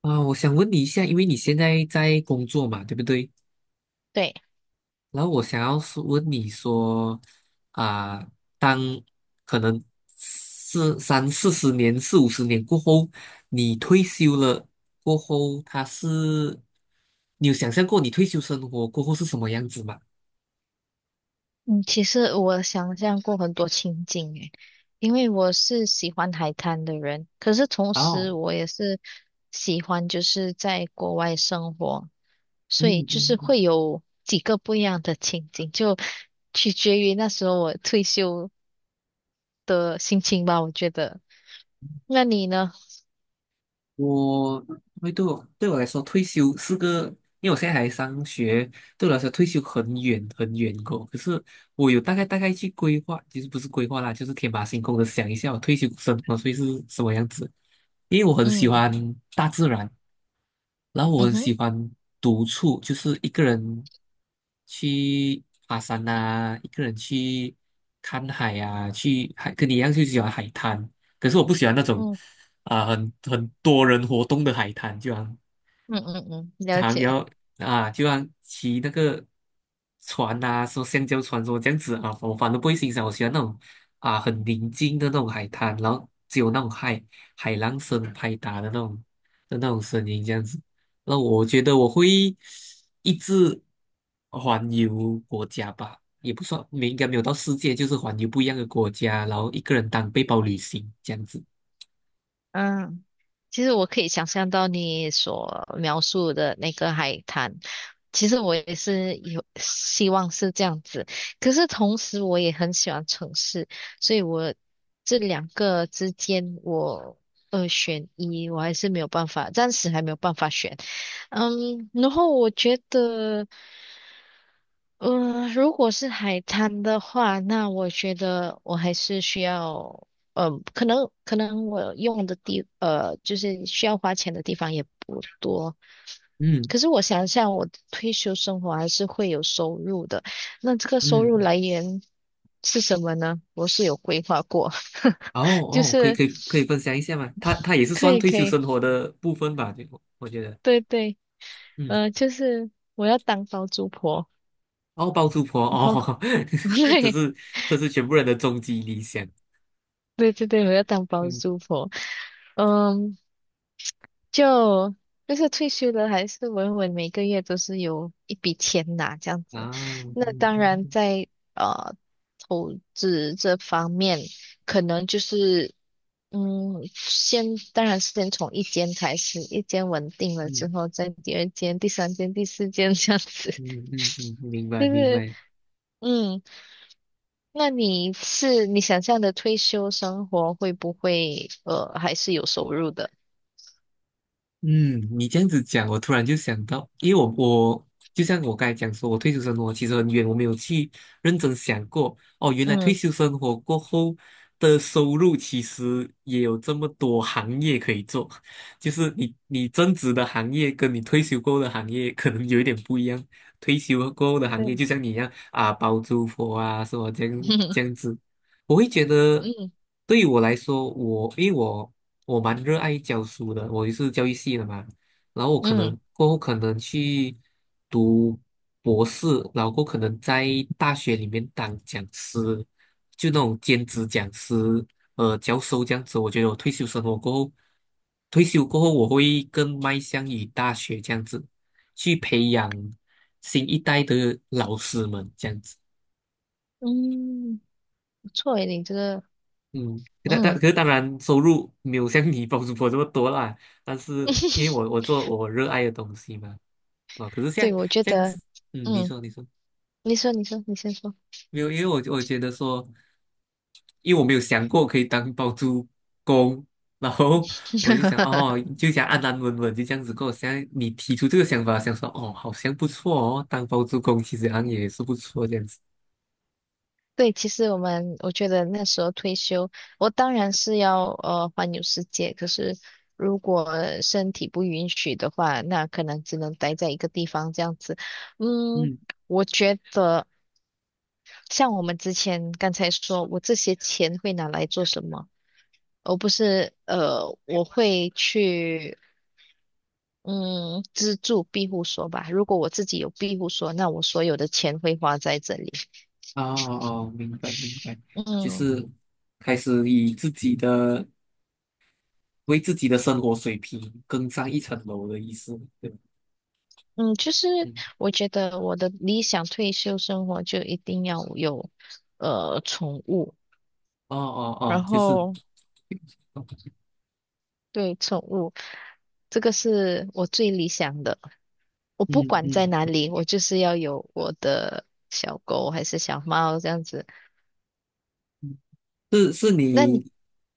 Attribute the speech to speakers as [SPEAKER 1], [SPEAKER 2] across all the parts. [SPEAKER 1] 啊，我想问你一下，因为你现在在工作嘛，对不对？
[SPEAKER 2] 对，
[SPEAKER 1] 然后我想要是问你说，啊，当可能是三四十年、四五十年过后，你退休了过后，他是，你有想象过你退休生活过后是什么样子吗？
[SPEAKER 2] 嗯，其实我想象过很多情景诶，因为我是喜欢海滩的人，可是同时
[SPEAKER 1] 哦，
[SPEAKER 2] 我也是喜欢在国外生活，所以
[SPEAKER 1] 嗯嗯
[SPEAKER 2] 会
[SPEAKER 1] 嗯。
[SPEAKER 2] 有几个不一样的情景，就取决于那时候我退休的心情吧，我觉得。那你呢？
[SPEAKER 1] 我会对我对我来说，退休是个，因为我现在还上学，对我来说退休很远很远过。可是我有大概去规划，其实不是规划啦，就是天马行空的想一下我退休生活会是什么样子。因为我很喜
[SPEAKER 2] 嗯
[SPEAKER 1] 欢大自然，然后我
[SPEAKER 2] 嗯
[SPEAKER 1] 很
[SPEAKER 2] 哼，
[SPEAKER 1] 喜欢独处，就是一个人去爬山啊，一个人去看海啊，去海跟你一样就喜欢海滩。可是我不喜欢那种。
[SPEAKER 2] 嗯
[SPEAKER 1] 很多人活动的海滩，就好像
[SPEAKER 2] 嗯嗯嗯，了解。
[SPEAKER 1] 要啊，就好像骑那个船呐，说橡胶船说这样子啊，我反正不会欣赏，我喜欢那种很宁静的那种海滩，然后只有那种海浪声拍打的那种声音这样子。那我觉得我会一直环游国家吧，也不算，没应该没有到世界，就是环游不一样的国家，然后一个人当背包旅行这样子。
[SPEAKER 2] 嗯，其实我可以想象到你所描述的那个海滩，其实我也是有希望是这样子，可是同时我也很喜欢城市，所以这两个之间我二选一，我还是没有办法，暂时还没有办法选。嗯，然后我觉得。如果是海滩的话，那我觉得我还是需要。可能我用的地，就是需要花钱的地方也不多。
[SPEAKER 1] 嗯
[SPEAKER 2] 可是我想想，我的退休生活还是会有收入的。那这个收入
[SPEAKER 1] 嗯。
[SPEAKER 2] 来源是什么呢？我是有规划过，
[SPEAKER 1] 哦
[SPEAKER 2] 就
[SPEAKER 1] 哦，可以
[SPEAKER 2] 是
[SPEAKER 1] 可以，可以分享一下吗？他也是
[SPEAKER 2] 可
[SPEAKER 1] 算
[SPEAKER 2] 以
[SPEAKER 1] 退
[SPEAKER 2] 可
[SPEAKER 1] 休
[SPEAKER 2] 以，
[SPEAKER 1] 生活的部分吧，就我觉得，
[SPEAKER 2] 对对，
[SPEAKER 1] 嗯，
[SPEAKER 2] 就是我要当包租婆，
[SPEAKER 1] 哦，包租婆
[SPEAKER 2] 然后
[SPEAKER 1] 哦，这
[SPEAKER 2] 对，
[SPEAKER 1] 是这是全部人的终极理想，
[SPEAKER 2] 对对对，我要当包
[SPEAKER 1] 嗯
[SPEAKER 2] 租婆。嗯，就就是退休了，还是稳稳每个月都是有一笔钱拿这样子。
[SPEAKER 1] 啊，
[SPEAKER 2] 那
[SPEAKER 1] 嗯
[SPEAKER 2] 当然
[SPEAKER 1] 嗯
[SPEAKER 2] 在呃投资这方面，可能就是先当然是先从一间开始，一间稳定了之后，再第二间、第三间、第四间这样子。
[SPEAKER 1] 嗯 嗯嗯，嗯，明白
[SPEAKER 2] 就
[SPEAKER 1] 明
[SPEAKER 2] 是
[SPEAKER 1] 白，
[SPEAKER 2] 嗯。那你是你想象的退休生活会不会还是有收入的？
[SPEAKER 1] 嗯，你这样子讲，我突然就想到，因为我就像我刚才讲说，我退休生活其实很远，我没有去认真想过。哦，原来退
[SPEAKER 2] 嗯，
[SPEAKER 1] 休生活过后的收入其实也有这么多行业可以做，就是你增值的行业跟你退休过后的行业可能有一点不一样。退休过后的行业
[SPEAKER 2] 对，
[SPEAKER 1] 就像你一样啊，包租婆啊，什么这 样子，我会觉得
[SPEAKER 2] 嗯
[SPEAKER 1] 对于我来说，我因为我。我蛮热爱教书的，我也是教育系的嘛。然后我可能
[SPEAKER 2] 嗯
[SPEAKER 1] 过后可能去读博士，然后过后可能在大学里面当讲师，就那种兼职讲师，教授这样子。我觉得我退休生活过后，退休过后我会更迈向于大学这样子，去培养新一代的老师们这样子。
[SPEAKER 2] 嗯，不错诶，你这个
[SPEAKER 1] 嗯，但可
[SPEAKER 2] 嗯，
[SPEAKER 1] 是当然收入没有像你包租婆 这么多啦，但是因为我 做我热爱的东西嘛，啊，可是像
[SPEAKER 2] 对，我觉
[SPEAKER 1] 像
[SPEAKER 2] 得
[SPEAKER 1] 你
[SPEAKER 2] 嗯，
[SPEAKER 1] 说你说。
[SPEAKER 2] 你先说。
[SPEAKER 1] 没有，因为我觉得说，因为我没有想过可以当包租公，然后我就想哦，就想安安稳稳就这样子过。现在你提出这个想法，想说哦，好像不错哦，当包租公其实好像也是不错这样子。
[SPEAKER 2] 对，其实我觉得那时候退休，我当然是要环游世界，可是如果身体不允许的话，那可能只能待在一个地方这样子。嗯，
[SPEAKER 1] 嗯，
[SPEAKER 2] 我觉得。像我们之前刚才说，我这些钱会拿来做什么？而不是我会去嗯资助庇护所吧。如果我自己有庇护所，那我所有的钱会花在这里。
[SPEAKER 1] 哦哦，明白明白，就
[SPEAKER 2] 嗯
[SPEAKER 1] 是开始以自己的。为自己的生活水平更上一层楼的意思，对吧？
[SPEAKER 2] 嗯，
[SPEAKER 1] 嗯，
[SPEAKER 2] 我觉得我的理想退休生活就一定要有宠物，
[SPEAKER 1] 哦哦
[SPEAKER 2] 然
[SPEAKER 1] 哦，就是，
[SPEAKER 2] 后对宠物，这个是我最理想的。我不
[SPEAKER 1] 嗯
[SPEAKER 2] 管在
[SPEAKER 1] 嗯，
[SPEAKER 2] 哪里，我就是要有我的小狗还是小猫这样子。
[SPEAKER 1] 嗯，是是，
[SPEAKER 2] 那你，
[SPEAKER 1] 你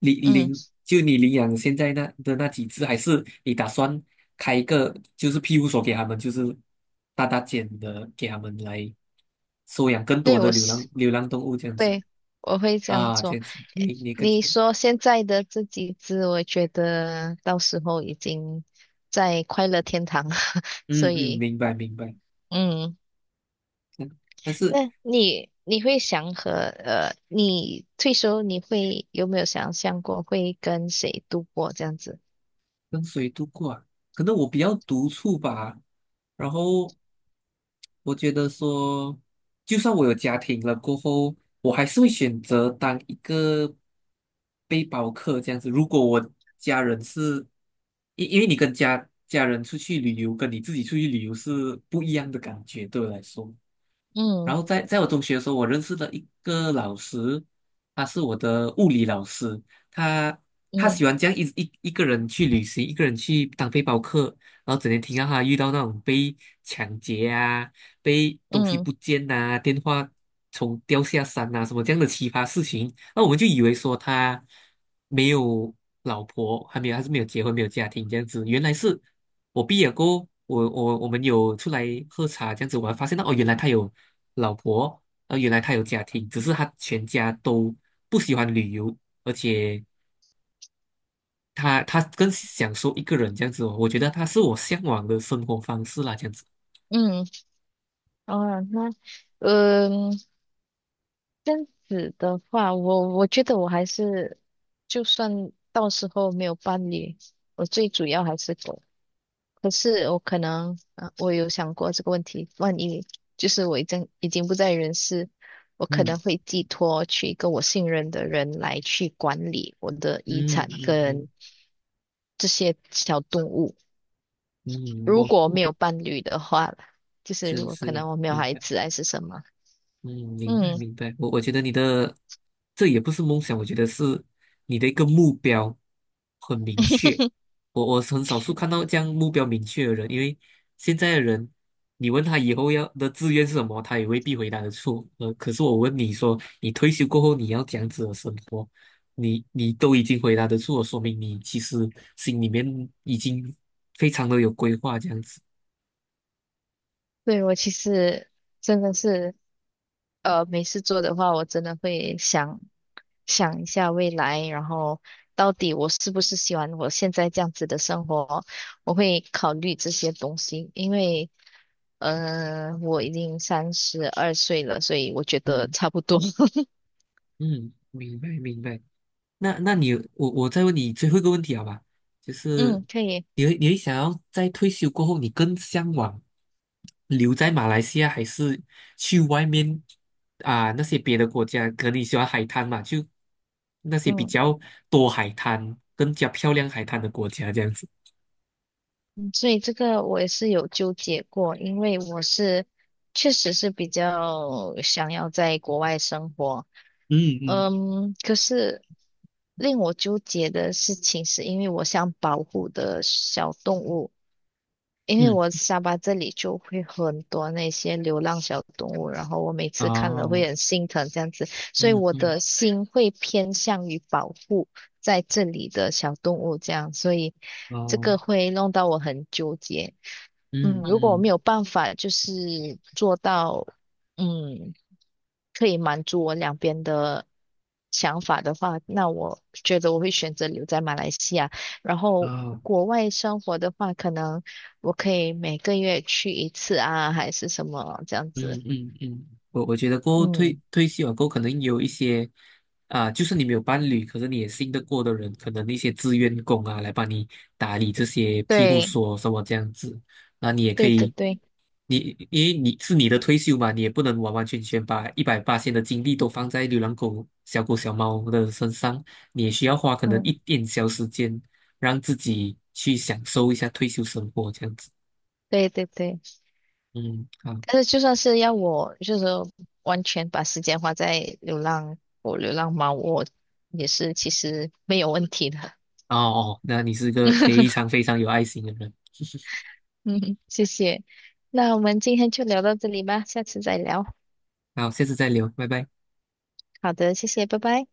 [SPEAKER 2] 嗯，
[SPEAKER 1] 就你领养现在那的那几只，还是你打算开一个就是庇护所给他们，就是大间的给他们来收养更多
[SPEAKER 2] 对，
[SPEAKER 1] 的
[SPEAKER 2] 我是，
[SPEAKER 1] 流浪动物这样子
[SPEAKER 2] 对，我会这样
[SPEAKER 1] 啊，这
[SPEAKER 2] 做。
[SPEAKER 1] 样子，你更。
[SPEAKER 2] 你说现在的这几只，我觉得到时候已经在快乐天堂了，所
[SPEAKER 1] 嗯嗯，
[SPEAKER 2] 以，
[SPEAKER 1] 明白明白。
[SPEAKER 2] 嗯，
[SPEAKER 1] 嗯，但是。
[SPEAKER 2] 那你你会想和你退休你会有没有想象过会跟谁度过这样子？
[SPEAKER 1] 跟谁度过啊？可能我比较独处吧。然后我觉得说，就算我有家庭了过后，我还是会选择当一个背包客这样子。如果我家人是，因为你跟家人出去旅游，跟你自己出去旅游是不一样的感觉，对我来说。然
[SPEAKER 2] 嗯
[SPEAKER 1] 后在我中学的时候，我认识了一个老师，他是我的物理老师，他他
[SPEAKER 2] 嗯
[SPEAKER 1] 喜欢这样一个人去旅行，一个人去当背包客，然后整天听到他遇到那种被抢劫啊、被东西
[SPEAKER 2] 嗯
[SPEAKER 1] 不见呐、电话从掉下山啊什么这样的奇葩事情，那我们就以为说他没有老婆，还没有，还是没有结婚，没有家庭这样子，原来是。我毕业过后我们有出来喝茶这样子我还发现到哦，原来他有老婆，原来他有家庭，只是他全家都不喜欢旅游，而且他更享受一个人这样子哦。我觉得他是我向往的生活方式啦，这样子。
[SPEAKER 2] 嗯，哦，那。嗯，这样子的话，我觉得我还是，就算到时候没有伴侣，我最主要还是狗。可是我可能，啊，我有想过这个问题，万一就是我已经不在人世，我可能
[SPEAKER 1] 嗯
[SPEAKER 2] 会寄托去一个我信任的人来去管理我的遗
[SPEAKER 1] 嗯
[SPEAKER 2] 产
[SPEAKER 1] 嗯
[SPEAKER 2] 跟
[SPEAKER 1] 嗯
[SPEAKER 2] 这些小动物。
[SPEAKER 1] 嗯，
[SPEAKER 2] 如
[SPEAKER 1] 我
[SPEAKER 2] 果没有
[SPEAKER 1] 我
[SPEAKER 2] 伴侣的话啦就是如
[SPEAKER 1] 是
[SPEAKER 2] 果可
[SPEAKER 1] 是
[SPEAKER 2] 能我没有
[SPEAKER 1] 明
[SPEAKER 2] 孩
[SPEAKER 1] 白。
[SPEAKER 2] 子还是什么，
[SPEAKER 1] 嗯，明白
[SPEAKER 2] 嗯。
[SPEAKER 1] 明白。我觉得你的这也不是梦想，我觉得是你的一个目标很明确。我是很少数看到这样目标明确的人，因为现在的人，你问他以后要的志愿是什么，他也未必回答得出。可是我问你说，你退休过后你要这样子的生活，你都已经回答得出了，说明你其实心里面已经非常的有规划这样子。
[SPEAKER 2] 对，我其实真的是没事做的话，我真的会想一下未来，然后到底我是不是喜欢我现在这样子的生活，我会考虑这些东西，因为我已经32岁了，所以我觉得
[SPEAKER 1] 嗯
[SPEAKER 2] 差不多，
[SPEAKER 1] 嗯，明白明白。那你我再问你最后一个问题好吧？就是
[SPEAKER 2] 嗯，可以，
[SPEAKER 1] 你会想要在退休过后，你更向往留在马来西亚，还是去外面那些别的国家？可能你喜欢海滩嘛，就那些比
[SPEAKER 2] 嗯
[SPEAKER 1] 较多海滩、更加漂亮海滩的国家这样子。
[SPEAKER 2] 嗯，所以这个我也是有纠结过，因为我是确实是比较想要在国外生活。
[SPEAKER 1] 嗯嗯，
[SPEAKER 2] 可是令我纠结的事情是，因为我想保护的小动物，因为
[SPEAKER 1] 嗯，
[SPEAKER 2] 我下巴这里就会很多那些流浪小动物，然后我每次看了
[SPEAKER 1] 哦，
[SPEAKER 2] 会很心疼这样子，所以
[SPEAKER 1] 嗯
[SPEAKER 2] 我
[SPEAKER 1] 嗯，
[SPEAKER 2] 的心会偏向于保护在这里的小动物这样，所以这
[SPEAKER 1] 哦，
[SPEAKER 2] 个会弄到我很纠结。
[SPEAKER 1] 嗯
[SPEAKER 2] 如果我没
[SPEAKER 1] 嗯，
[SPEAKER 2] 有办法做到。嗯，可以满足我两边的想法的话，那我觉得我会选择留在马来西亚。然后
[SPEAKER 1] 哦。
[SPEAKER 2] 国外生活的话，可能我可以每个月去一次啊，还是什么这样
[SPEAKER 1] 嗯
[SPEAKER 2] 子。
[SPEAKER 1] 嗯嗯，我觉得过后
[SPEAKER 2] 嗯，
[SPEAKER 1] 退休啊，过后，可能有一些啊，就是你没有伴侣，可是你也信得过的人，可能一些志愿工啊，来帮你打理这些庇护
[SPEAKER 2] 对，
[SPEAKER 1] 所什么这样子，那你也可
[SPEAKER 2] 对对
[SPEAKER 1] 以，
[SPEAKER 2] 对，
[SPEAKER 1] 你因为你是你的退休嘛，你也不能完完全全把一百八千的精力都放在流浪狗、小狗、小猫的身上，你也需要花可能一
[SPEAKER 2] 嗯，
[SPEAKER 1] 点小时间，让自己去享受一下退休生活这样子。
[SPEAKER 2] 对对对。
[SPEAKER 1] 嗯，好。
[SPEAKER 2] 但是就算是要我，就是完全把时间花在流浪狗、流浪猫，我也是其实没有问题的。
[SPEAKER 1] 哦哦，那你是个非 常非常有爱心的人。
[SPEAKER 2] 嗯，谢谢。那我们今天就聊到这里吧，下次再聊。
[SPEAKER 1] 好，下次再聊，拜拜。
[SPEAKER 2] 好的，谢谢，拜拜。